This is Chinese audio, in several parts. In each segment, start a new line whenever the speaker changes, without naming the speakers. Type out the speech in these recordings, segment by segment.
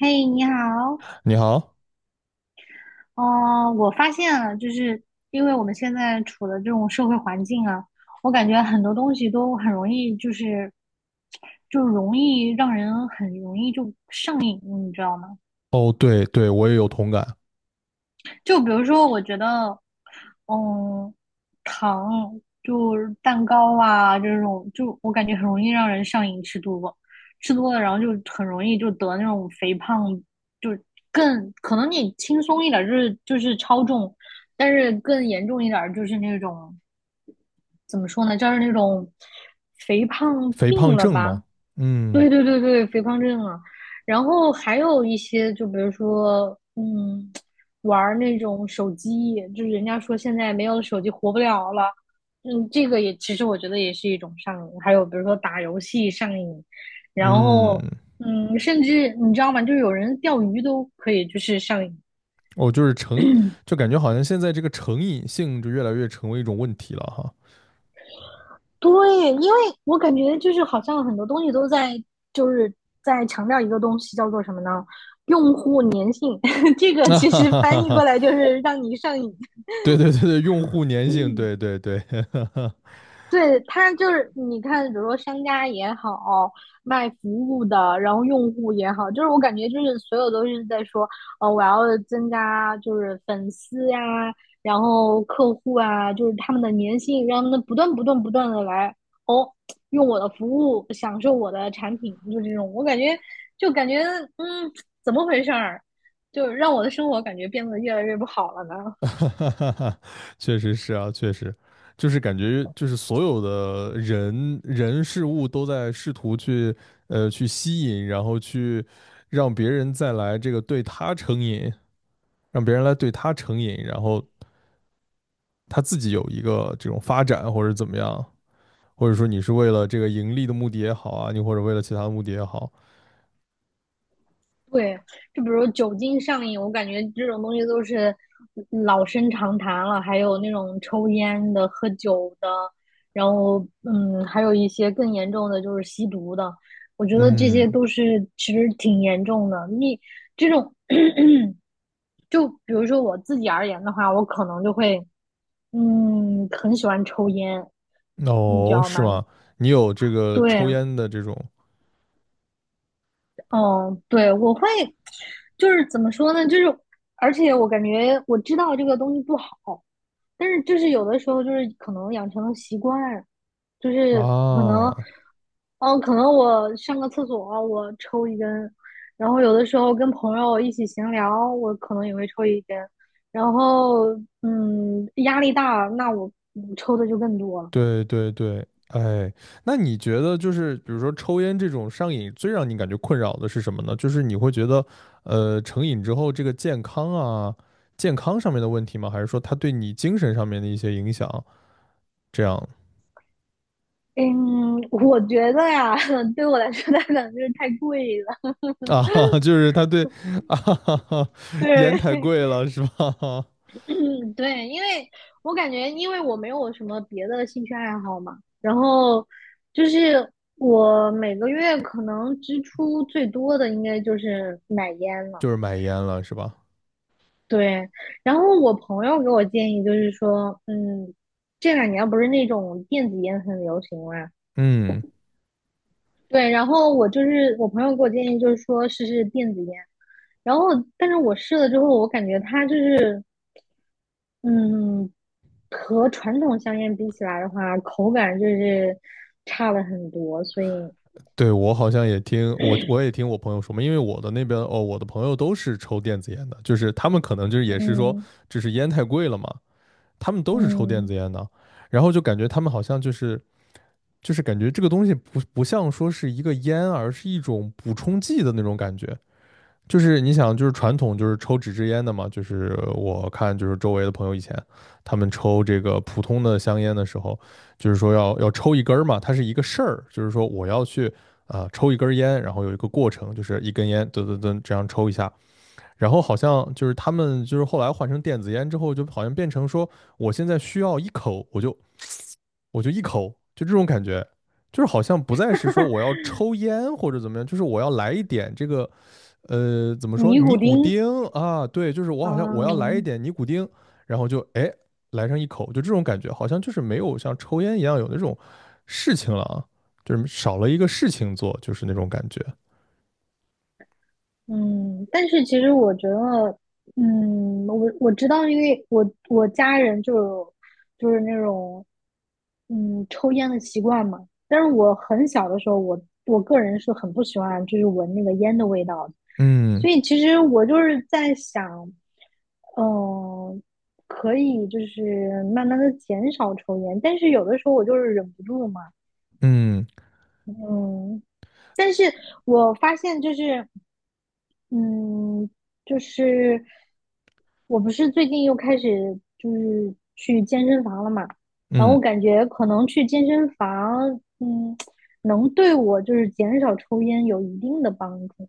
嘿，你好。
你好。
哦，我发现了，因为我们现在处的这种社会环境啊，我感觉很多东西都很容易，就是就容易让人很容易就上瘾，你知道吗？
哦，对对，我也有同感。
就比如说，我觉得，嗯，糖就是蛋糕啊这种，就我感觉很容易让人上瘾，吃多了，然后就很容易就得那种肥胖，就更可能你轻松一点儿就是超重，但是更严重一点儿就是那种怎么说呢，就是那种肥胖
肥
病
胖
了
症
吧。
嘛，嗯
对对对对，肥胖症啊。然后还有一些，就比如说，玩儿那种手机，就是人家说现在没有手机活不了了，嗯，这个也其实我觉得也是一种上瘾。还有比如说打游戏上瘾，然
嗯。
后，嗯，甚至你知道吗？就有人钓鱼都可以，就是上瘾。
我就是成，就感觉好像现在这个成瘾性就越来越成为一种问题了哈。
对，因为我感觉就是好像很多东西都在就是在强调一个东西，叫做什么呢？用户粘性。这 个
啊
其
哈
实
哈哈
翻译过
哈，
来就是让你上瘾。
对对对对，用户粘性，对对对。
对，他就是你看，比如说商家也好，卖服务的，然后用户也好，就是我感觉就是所有都是在说，我要增加就是粉丝呀、然后客户啊，就是他们的粘性，让他们不断不断不断的来哦，用我的服务，享受我的产品，就这种，我感觉就感觉嗯，怎么回事儿，就让我的生活感觉变得越来越不好了呢？
哈哈哈哈，确实是啊，确实，就是感觉就是所有的人人事物都在试图去去吸引，然后去让别人再来这个对他成瘾，让别人来对他成瘾，然后他自己有一个这种发展或者怎么样，或者说你是为了这个盈利的目的也好啊，你或者为了其他的目的也好。
对，就比如酒精上瘾，我感觉这种东西都是老生常谈了。还有那种抽烟的、喝酒的，然后还有一些更严重的就是吸毒的。我觉得这些
嗯。
都是其实挺严重的。你这种，就比如说我自己而言的话，我可能就会嗯，很喜欢抽烟，你知
哦，
道
是
吗？
吗？你有这个抽
对，
烟的这种
嗯，对，就是怎么说呢？而且我感觉我知道这个东西不好，但是就是有的时候就是可能养成了习惯，就是可
啊？
能，嗯，可能我上个厕所我抽一根，然后有的时候跟朋友一起闲聊，我可能也会抽一根，然后压力大，那我抽的就更多了。
对对对，哎，那你觉得就是比如说抽烟这种上瘾，最让你感觉困扰的是什么呢？就是你会觉得，成瘾之后这个健康啊，健康上面的问题吗？还是说它对你精神上面的一些影响？这样
嗯，我觉得呀，对我来说它可能就是太贵了。
啊。就是他对啊，
对，
烟太贵了是吧？
嗯，对，我感觉，因为我没有什么别的兴趣爱好嘛，然后就是我每个月可能支出最多的应该就是买烟 了。
就是买烟了是吧？
对，然后我朋友给我建议就是说，嗯，这两年不是那种电子烟很流行嘛？
嗯，
对，然后我就是我朋友给我建议就是说试试电子烟，然后但是我试了之后，我感觉它就是嗯和传统香烟比起来的话，口感就是差了很多，所以，
对，我好像也听我朋友说嘛，因为我的那边哦，我的朋友都是抽电子烟的，就是他们可能就是也是说，
嗯
就是烟太贵了嘛，他们都是抽电
嗯，
子烟的，然后就感觉他们好像就是感觉这个东西不像说是一个烟，而是一种补充剂的那种感觉。就是你想，就是传统就是抽纸质烟的嘛，就是我看就是周围的朋友以前他们抽这个普通的香烟的时候，就是说要抽一根儿嘛，它是一个事儿，就是说我要去啊、抽一根烟，然后有一个过程，就是一根烟噔噔噔这样抽一下，然后好像就是他们就是后来换成电子烟之后，就好像变成说我现在需要一口，我就一口，就这种感觉。就是好像不再是说我要抽烟或者怎么样，就是我要来一点这个怎么说
尼古
尼古
丁，
丁啊？对，就是我好像我要来一
嗯，
点尼古丁，然后就哎来上一口，就这种感觉，好像就是没有像抽烟一样有那种事情了啊，就是少了一个事情做，就是那种感觉。
嗯，但是其实我觉得，嗯，我知道，因为我我家人就有就是那种抽烟的习惯嘛。但是我很小的时候，我个人是很不喜欢就是闻那个烟的味道的，
嗯
所以其实我就是在想，嗯、可以就是慢慢的减少抽烟，但是有的时候我就是忍不住嘛。
嗯。
嗯。但是我发现就是，嗯，就是我不是最近又开始就是去健身房了嘛？然后
嗯。
我感觉可能去健身房，嗯，能对我就是减少抽烟有一定的帮助。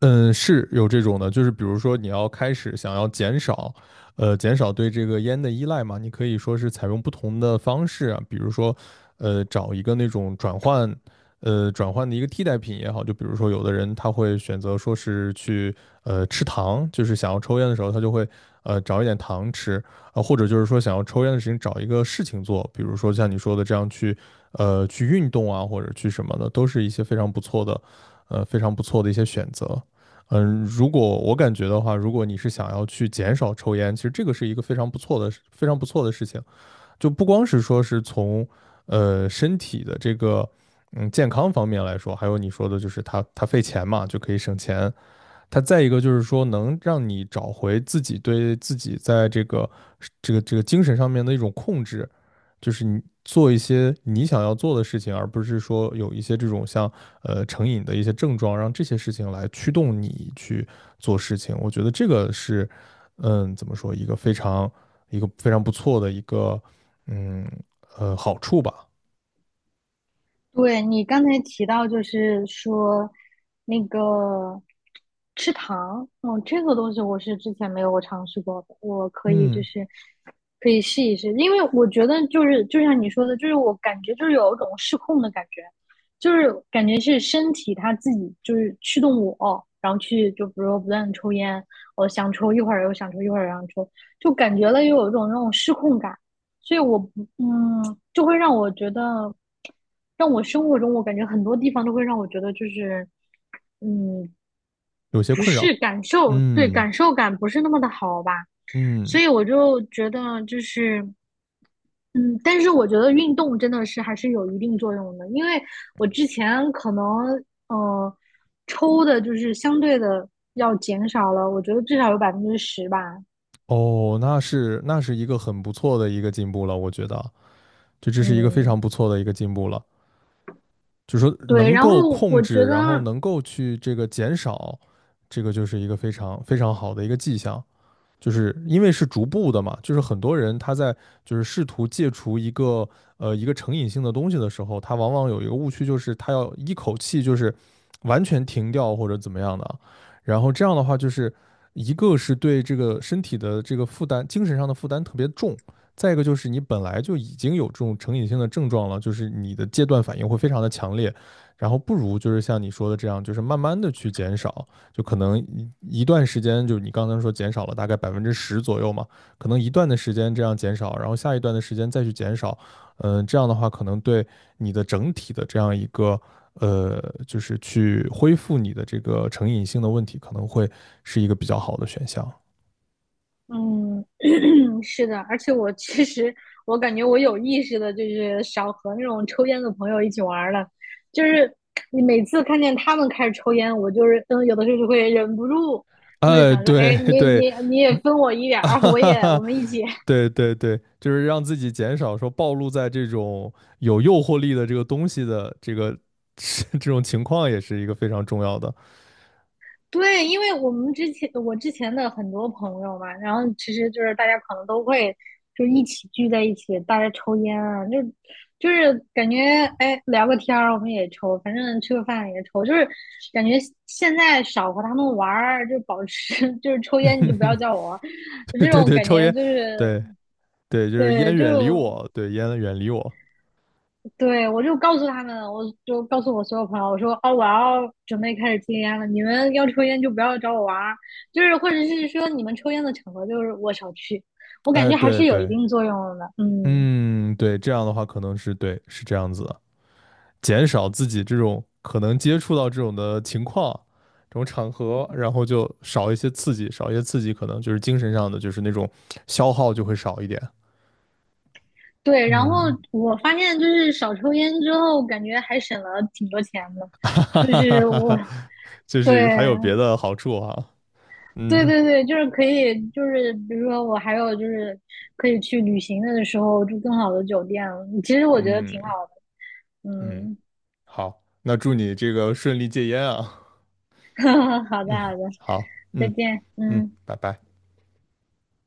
嗯，是有这种的，就是比如说你要开始想要减少，减少对这个烟的依赖嘛，你可以说是采用不同的方式啊。比如说，找一个那种转换，转换的一个替代品也好，就比如说有的人他会选择说是去，吃糖，就是想要抽烟的时候，他就会，找一点糖吃啊，或者就是说想要抽烟的事情找一个事情做，比如说像你说的这样去，去运动啊，或者去什么的，都是一些非常不错的，非常不错的一些选择。嗯，如果我感觉的话，如果你是想要去减少抽烟，其实这个是一个非常不错的、非常不错的事情。就不光是说是从身体的这个健康方面来说，还有你说的就是它费钱嘛，就可以省钱。它再一个就是说能让你找回自己对自己在这个这个精神上面的一种控制。就是你做一些你想要做的事情，而不是说有一些这种像成瘾的一些症状，让这些事情来驱动你去做事情。我觉得这个是，嗯，怎么说，一个非常不错的一个，嗯好处吧。
对，你刚才提到，就是说那个吃糖。哦，这个东西我是之前没有尝试过的，我可以就
嗯，
是可以试一试，因为我觉得就是就像你说的，就是我感觉就是有一种失控的感觉，就是感觉是身体它自己就是驱动我，然后去就比如说不断的抽烟，我想抽一会儿又想抽一会儿又想抽，就感觉了又有一种那种失控感。所以我不嗯，就会让我觉得，让我生活中我感觉很多地方都会让我觉得就是嗯，
有些
不
困扰。
是感受，对，
嗯。
感受感不是那么的好吧，
嗯，
所以我就觉得就是。嗯，但是我觉得运动真的是还是有一定作用的，因为我之前可能呃抽的就是相对的要减少了，我觉得至少有10%吧。
哦，那那是一个很不错的一个进步了，我觉得，就这是一个非
嗯，
常不错的一个进步了。就是说
对，
能
然
够
后
控
我觉
制，然后
得
能够去这个减少，这个就是一个非常非常好的一个迹象。就是因为是逐步的嘛，就是很多人他在就是试图戒除一个一个成瘾性的东西的时候，他往往有一个误区，就是他要一口气就是完全停掉或者怎么样的，然后这样的话就是一个是对这个身体的这个负担，精神上的负担特别重，再一个就是你本来就已经有这种成瘾性的症状了，就是你的戒断反应会非常的强烈，然后不如就是像你说的这样，就是慢慢的去减少。就可能一段时间，就是你刚才说减少了大概10%左右嘛，可能一段的时间这样减少，然后下一段的时间再去减少，嗯，这样的话可能对你的整体的这样一个呃，就是去恢复你的这个成瘾性的问题，可能会是一个比较好的选项。
嗯，是的，而且我其实，我感觉我有意识的，就是少和那种抽烟的朋友一起玩儿了。就是你每次看见他们开始抽烟，我就是嗯，有的时候就会忍不住，就会想说，
对
哎，
对，
你也分我一 点
啊
儿，
哈哈
我
哈，
们一起。
对对对，就是让自己减少说暴露在这种有诱惑力的这个东西的这个 这种情况，也是一个非常重要的。
对，因为我之前的很多朋友嘛，然后其实就是大家可能都会就一起聚在一起，大家抽烟啊，就是感觉哎聊个天儿我们也抽，反正吃个饭也抽，就是感觉现在少和他们玩儿，就保持 就是抽烟你就不要 叫我，
对
这
对，
种
对，
感
抽
觉
烟，
就是
对对，就是烟
对，
远离
就
我，对，烟远离我。
对，我就告诉他们，就告诉我所有朋友，我说哦，我要准备开始戒烟了，你们要抽烟就不要找我玩儿，就是或者是说你们抽烟的场合就是我少去，我感
哎，
觉还
对
是有一
对，
定作用的，嗯，
嗯，对，这样的话可能是对，是这样子的，减少自己这种可能接触到这种的情况，这种场合，然后就少一些刺激，少一些刺激，可能就是精神上的，就是那种消耗就会少一点。
对。然后
嗯，
我发现就是少抽烟之后，感觉还省了挺多钱的，
哈哈
就
哈哈
是
哈
我
哈，就
对
是还有别的好处啊。
对
嗯。
对对，就是可以，就是比如说我还有就是可以去旅行的时候住更好的酒店，其实我觉得
嗯，
挺好的，
嗯，
嗯。
好，那祝你这个顺利戒烟啊。
好的，好
嗯，
的，
好，
再
嗯。
见，
嗯，
嗯。
拜拜。